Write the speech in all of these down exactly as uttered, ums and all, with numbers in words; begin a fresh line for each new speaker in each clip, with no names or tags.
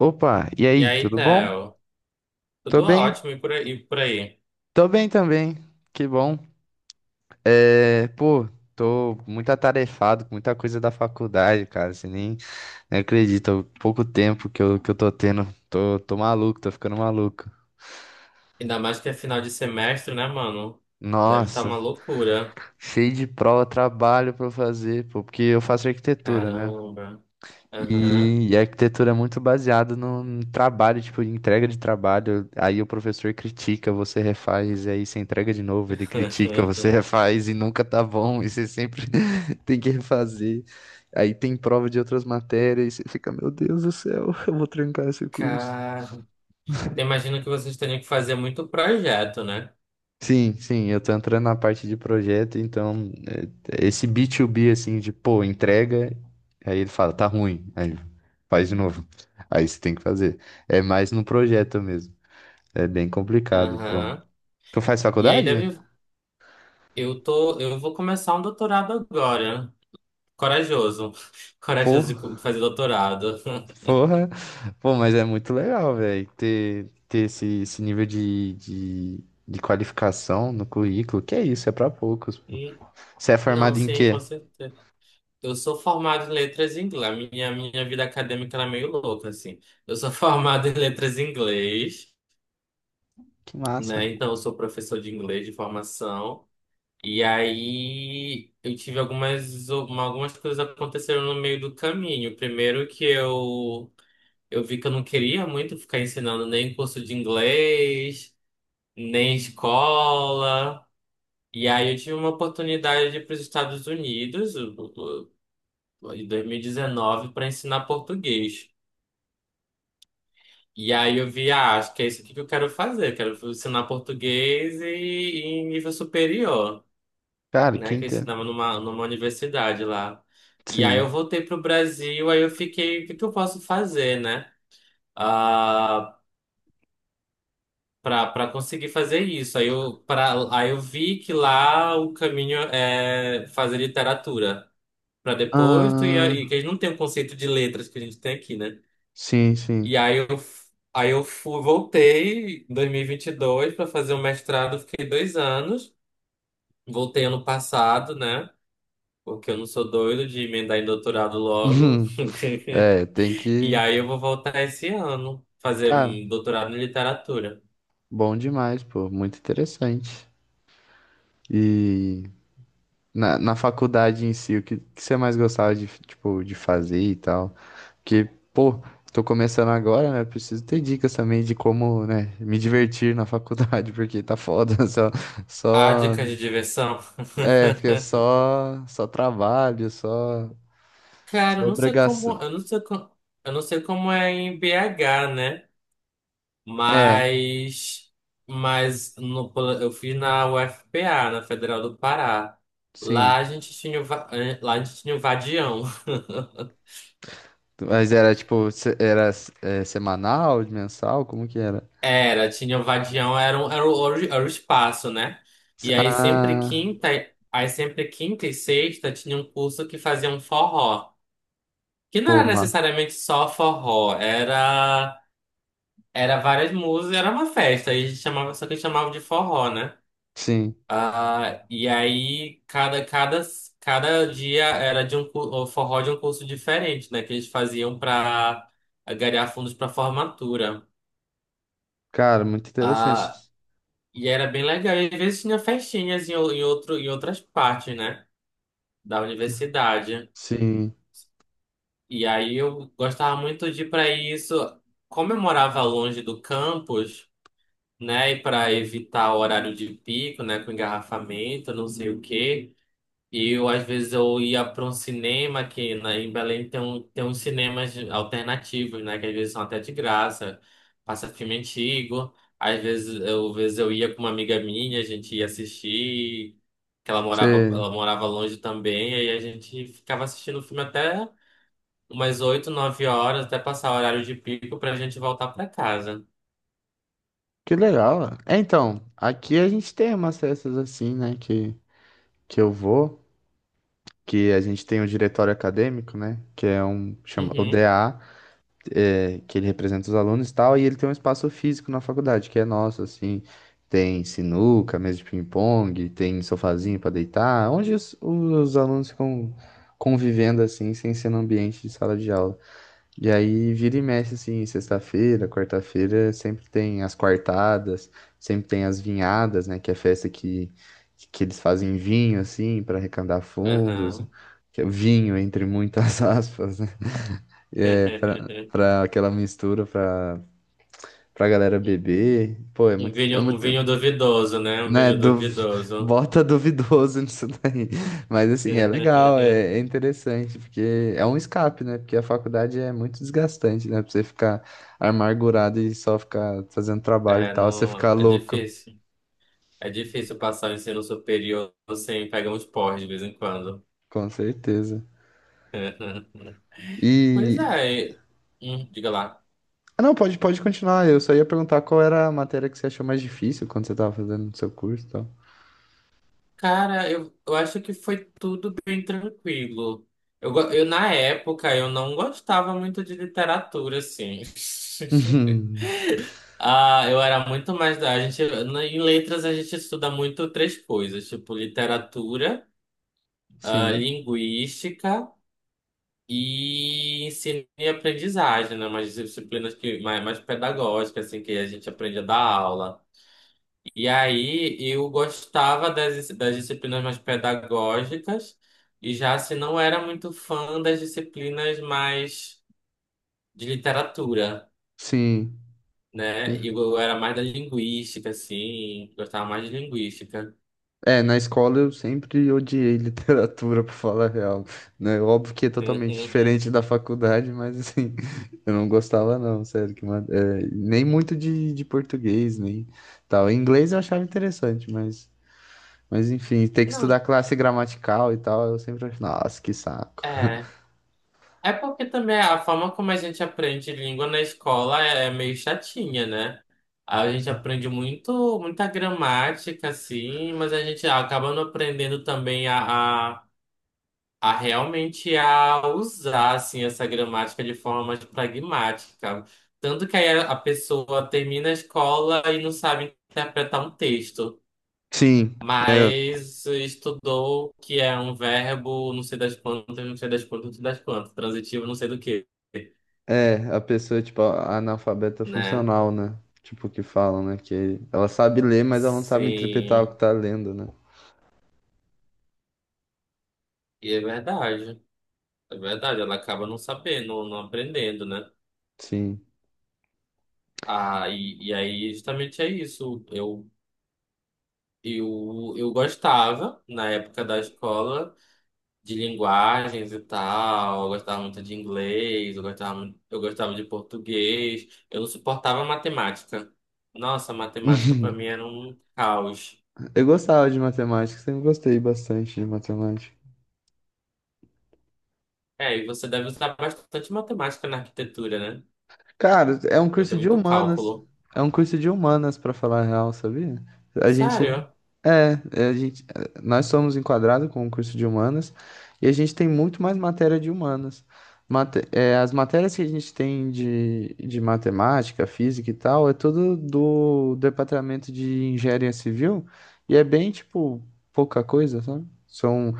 Opa, e
E
aí,
aí,
tudo bom?
Theo?
Tô
Tudo
bem,
ótimo e por aí, e por aí.
tô bem também, que bom. É, pô, tô muito atarefado com muita coisa da faculdade, cara, você nem, nem acredita, o pouco tempo que eu, que eu tô tendo, tô, tô maluco, tô ficando maluco.
Ainda mais que é final de semestre, né, mano? Deve estar uma
Nossa,
loucura.
cheio de prova, trabalho pra eu fazer, pô, porque eu faço arquitetura, né?
Caramba. Aham.
E, e a arquitetura é muito baseada no, no trabalho, tipo, de entrega de trabalho. Aí o professor critica, você refaz, e aí você entrega de novo, ele critica, você refaz e nunca tá bom, e você sempre tem que refazer. Aí tem prova de outras matérias, e você fica, meu Deus do céu, eu vou trancar esse curso.
Cara, imagino que vocês teriam que fazer muito projeto, né?
Sim, sim, eu tô entrando na parte de projeto, então é, esse B dois B assim de, pô, entrega, aí ele fala, tá ruim, aí faz de novo. Aí você tem que fazer. É mais no projeto mesmo. É bem complicado, pô.
Aham.
Tu faz
E aí
faculdade?
deve. Eu tô. Eu vou começar um doutorado agora. Corajoso. Corajoso de co-
Porra,
fazer doutorado.
porra. Pô, mas é muito legal, velho, ter, ter esse, esse nível de, de, de qualificação no currículo. Que é isso, é pra poucos.
E-
Você é
Não,
formado em
sim, com
quê?
certeza. Eu sou formado em letras em inglês. A minha, minha vida acadêmica era meio louca, assim. Eu sou formado em letras em inglês,
Que massa.
né? Então, eu sou professor de inglês de formação. E aí, eu tive algumas, uma- algumas coisas aconteceram no meio do caminho. Primeiro que eu, eu vi que eu não queria muito ficar ensinando nem curso de inglês, nem escola. E aí, eu tive uma oportunidade de ir para os Estados Unidos, eu- eu- em dois mil e dezenove para ensinar português. E aí eu vi, ah, acho que é isso aqui que eu quero fazer. Quero ensinar português e, e em nível superior,
Cara,
né? Que eu
quinta.
ensinava numa, numa universidade lá. E aí eu
Sim.
voltei pro Brasil, aí eu fiquei, o que que eu posso fazer, né? Ah, pra, pra conseguir fazer isso. Aí eu, pra, aí eu vi que lá o caminho é fazer literatura. Pra depois tu ia, e que a gente não tem o conceito de letras que a gente tem aqui, né?
Sim, sim.
E aí eu, f- aí eu fui, voltei em dois mil e vinte e dois para fazer o mestrado, fiquei dois anos. Voltei ano passado, né? Porque eu não sou doido de emendar em doutorado logo.
É, tem
E
que.
aí eu vou voltar esse ano, fazer
Cara,
hum, doutorado em literatura.
bom demais, pô. Muito interessante. E na, na faculdade em si, o que, que você mais gostava de, tipo, de fazer e tal? Porque, pô, tô começando agora, né? Preciso ter dicas também de como, né, me divertir na faculdade, porque tá foda. Só,
Ah,
só,
dicas de diversão.
é, porque é só, só trabalho, só,
Cara,
só
eu não sei como,
obrigação.
eu não sei como, eu não sei como é em B H, né?
É,
Mas, mas no, eu fiz na U F P A, na Federal do Pará. Lá
sim.
a gente tinha, o va- eh, lá a gente tinha o vadião.
Mas era tipo, se- era é, semanal, mensal? Como que era?
Era, tinha o vadião, era, um, era, o, era o espaço, né? E aí sempre
Ah,
quinta, aí sempre quinta e sexta tinha um curso que fazia um forró. Que não
pô,
era
ma-
necessariamente só forró, era, era várias músicas, era uma festa, aí a gente chamava, só que chamava de forró, né?
Sim.
Ah, e aí, cada, cada, cada dia era de um cu- o forró de um curso diferente, né? Que eles faziam para angariar fundos para formatura.
Cara, muito
Ah,
interessante.
e era bem legal. E às vezes tinha festinhas em, o- em, outro, em outras partes, né? Da universidade.
Sim.
E aí eu gostava muito de ir para isso. Como eu morava longe do campus, né? E para evitar o horário de pico, né? Com engarrafamento, não sei o quê. E eu, às vezes, eu ia para um cinema que na, em Belém tem, um, tem uns cinemas alternativos, né? Que às vezes são até de graça, passa filme antigo. Às vezes eu, às vezes eu ia com uma amiga minha, a gente ia assistir, que ela morava,
Você...
ela morava longe também, aí a gente ficava assistindo o filme até umas oito nove horas, até passar o horário de pico pra gente voltar para casa.
Que legal, ó. É, então, aqui a gente tem umas festas assim, né? Que, que eu vou, que a gente tem o diretório acadêmico, né? Que é um, chama o
Uhum,
D A. É, que ele representa os alunos e tal, e ele tem um espaço físico na faculdade, que é nosso, assim, tem sinuca, mesa de ping-pong, tem sofazinho para deitar, onde os, os alunos ficam convivendo, assim, sem ser no ambiente de sala de aula. E aí vira e mexe, assim, sexta-feira, quarta-feira, sempre tem as quartadas, sempre tem as vinhadas, né, que é festa que, que eles fazem vinho, assim, para arrecadar fundos,
aham.
que é vinho entre muitas aspas, né? É, pra, pra aquela mistura, pra, pra galera beber. Pô, é
Um
muito,
vinho,
é
um
muito,
vinho duvidoso, né? Um
né,
vinho
du-
duvidoso.
bota duvidoso nisso daí. Mas assim, é legal, é, é interessante, porque é um escape, né? Porque a faculdade é muito desgastante, né? Pra você ficar amargurado e só ficar fazendo trabalho e
É,
tal, você
não,
ficar
é
louco,
difícil. É difícil passar o ensino superior sem pegar uns porres de vez em quando.
com certeza.
Pois
E.
é, e- hum, diga lá.
Ah, não, pode, pode continuar. Eu só ia perguntar qual era a matéria que você achou mais difícil quando você tava fazendo o seu curso e tal.
Cara, eu, eu acho que foi tudo bem tranquilo. Eu, go- eu, na época, eu não gostava muito de literatura, assim. Ah, eu era muito mais da... A gente, na- em letras, a gente estuda muito três coisas, tipo literatura, ah,
Sim.
linguística e ensino e aprendizagem, né? Umas disciplinas que, mais, mais pedagógicas, assim, que a gente aprende a dar aula. E aí eu gostava das, das disciplinas mais pedagógicas, e já se não era muito fã das disciplinas mais de literatura,
Sim.
né? Eu, eu era mais da linguística, assim, gostava mais de linguística.
É, na escola eu sempre odiei literatura, pra falar a real, né? É óbvio que é totalmente diferente da faculdade, mas assim, eu não gostava não, sério, que ma- é, nem muito de, de português, nem tal. Inglês eu achava interessante, mas, mas enfim, ter que
Não,
estudar classe gramatical e tal, eu sempre achei, nossa, que saco.
é. É porque também a forma como a gente aprende língua na escola é é meio chatinha, né? A gente aprende muito, muita gramática, assim, mas a gente acaba não aprendendo também a, a, a realmente a usar, assim, essa gramática de forma mais pragmática. Tanto que aí a a pessoa termina a escola e não sabe interpretar um texto,
Sim, é,
mas estudou que é um verbo, não sei das quantas, não sei das quantas, não sei das quantas, transitivo, não sei do quê.
é, a pessoa, tipo, a- analfabeta
Né?
funcional, né? Tipo, que falam, né? Que ela sabe ler, mas ela não sabe interpretar o que
Sim,
tá lendo, né?
e é verdade. É verdade, ela acaba não sabendo, não aprendendo, né?
Sim.
Ah, e, e aí justamente é isso. Eu, eu, eu gostava, na época da escola, de linguagens e tal. Eu gostava muito de inglês, eu gostava, mu- eu gostava de português. Eu não suportava matemática. Nossa, matemática para mim era um caos.
Eu gostava de matemática, sempre gostei bastante de matemática.
É, e você deve usar bastante matemática na arquitetura, né?
Cara, é um
Deve ter
curso de
muito
humanas.
cálculo.
É um curso de humanas, pra falar a real, sabia? A gente.
Sério?
É, é, a gente, é, nós somos enquadrados com o curso de humanas e a gente tem muito mais matéria de humanas. Mate- é, as matérias que a gente tem de, de matemática, física e tal, é tudo do departamento de engenharia civil e é bem, tipo, pouca coisa, sabe? São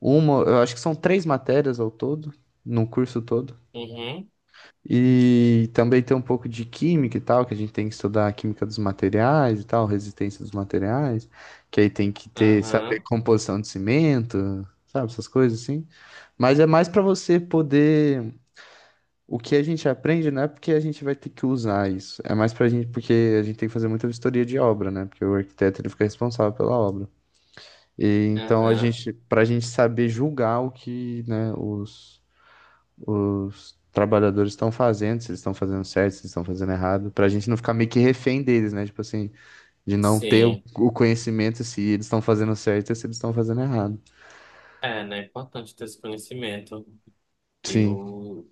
uma, eu acho que são três matérias ao todo, no curso todo.
Uhum,
E também tem um pouco de química e tal, que a gente tem que estudar a química dos materiais e tal, resistência dos materiais, que aí tem que ter, saber
aham,
composição de cimento, sabe, essas coisas assim. Mas é mais para você poder. O que a gente aprende não é porque a gente vai ter que usar isso, é mais pra gente, porque a gente tem que fazer muita vistoria de obra, né? Porque o arquiteto ele fica responsável pela obra. E então a
aham,
gente, pra gente saber julgar o que, né, os os trabalhadores estão fazendo, se eles estão fazendo certo, se eles estão fazendo errado, pra gente não ficar meio que refém deles, né? Tipo assim, de não ter o
sim.
o conhecimento se eles estão fazendo certo e se eles estão fazendo errado.
É, né? É importante ter esse conhecimento.
Sim.
Eu.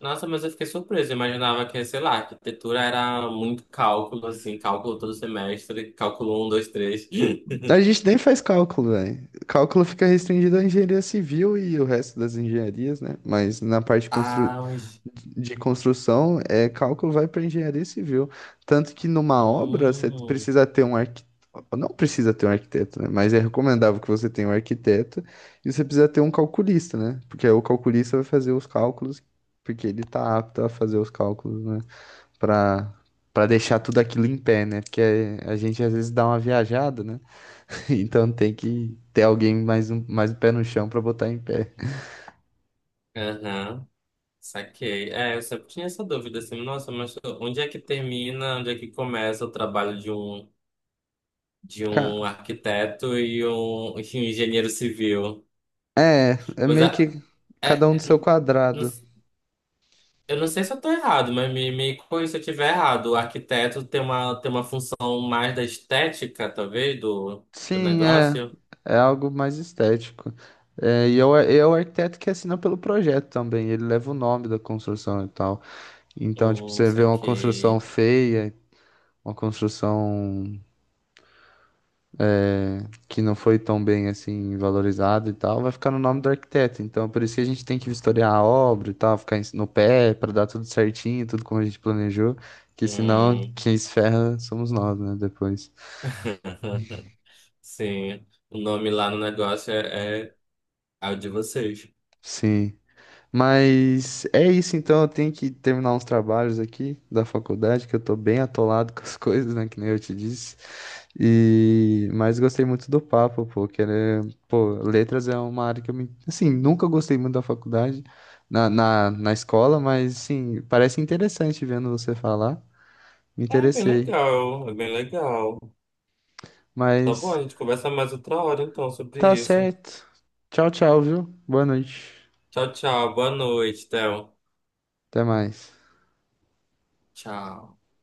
Nossa, mas eu fiquei surpreso. Eu imaginava que, sei lá, arquitetura era muito cálculo, assim, cálculo todo semestre, cálculo um, dois, três.
A gente nem faz cálculo, velho. Cálculo fica restringido à engenharia civil e o resto das engenharias, né? Mas na parte de constru...
Ah, mas.
de construção, é, cálculo vai para engenharia civil. Tanto que numa obra você
Hum,
precisa ter um arquiteto, não precisa ter um arquiteto, né? Mas é recomendável que você tenha um arquiteto e você precisa ter um calculista, né? Porque aí o calculista vai fazer os cálculos, porque ele tá apto a fazer os cálculos, né? Para para deixar tudo aquilo em pé, né? Porque a gente às vezes dá uma viajada, né? Então tem que ter alguém mais um, mais o pé no chão para botar em pé.
aham, saquei. É, eu sempre tinha essa dúvida, assim, nossa, mas onde é que termina, onde é que começa o trabalho de um, de um
Ca-
arquiteto e um, e um engenheiro civil?
é, é
Mas
meio
a,
que
é,
cada um do seu
não-
quadrado.
eu não sei se eu tô errado, mas me, me corrija se eu estiver errado. O arquiteto tem uma, tem uma função mais da estética, talvez, do, do
Sim, é.
negócio.
É algo mais estético. É, e é o, é o arquiteto que assina pelo projeto também. Ele leva o nome da construção e tal. Então, tipo,
Hum,
você
isso
vê uma construção
aqui.
feia, uma construção que não foi tão bem assim valorizada e tal, vai ficar no nome do arquiteto. Então, por isso que a gente tem que vistoriar a obra e tal, ficar em- no pé para dar tudo certinho, tudo como a gente planejou. Que senão
Hum.
quem se ferra somos nós, né? Depois.
Sim, o nome lá no negócio é, é, é o de vocês.
Sim. Mas é isso, então eu tenho que terminar uns trabalhos aqui da faculdade, que eu tô bem atolado com as coisas, né, que nem eu te disse. E mas gostei muito do papo, pô, que era, pô, letras é uma área que eu me, assim, nunca gostei muito da faculdade, na, na, na escola, mas assim, parece interessante vendo você falar. Me
É bem
interessei.
legal, é bem legal. Tá bom,
Mas
a gente conversa mais outra hora então sobre
tá
isso.
certo. Tchau, tchau, viu? Boa noite.
Tchau, tchau. Boa noite, Théo.
Até mais.
Tchau.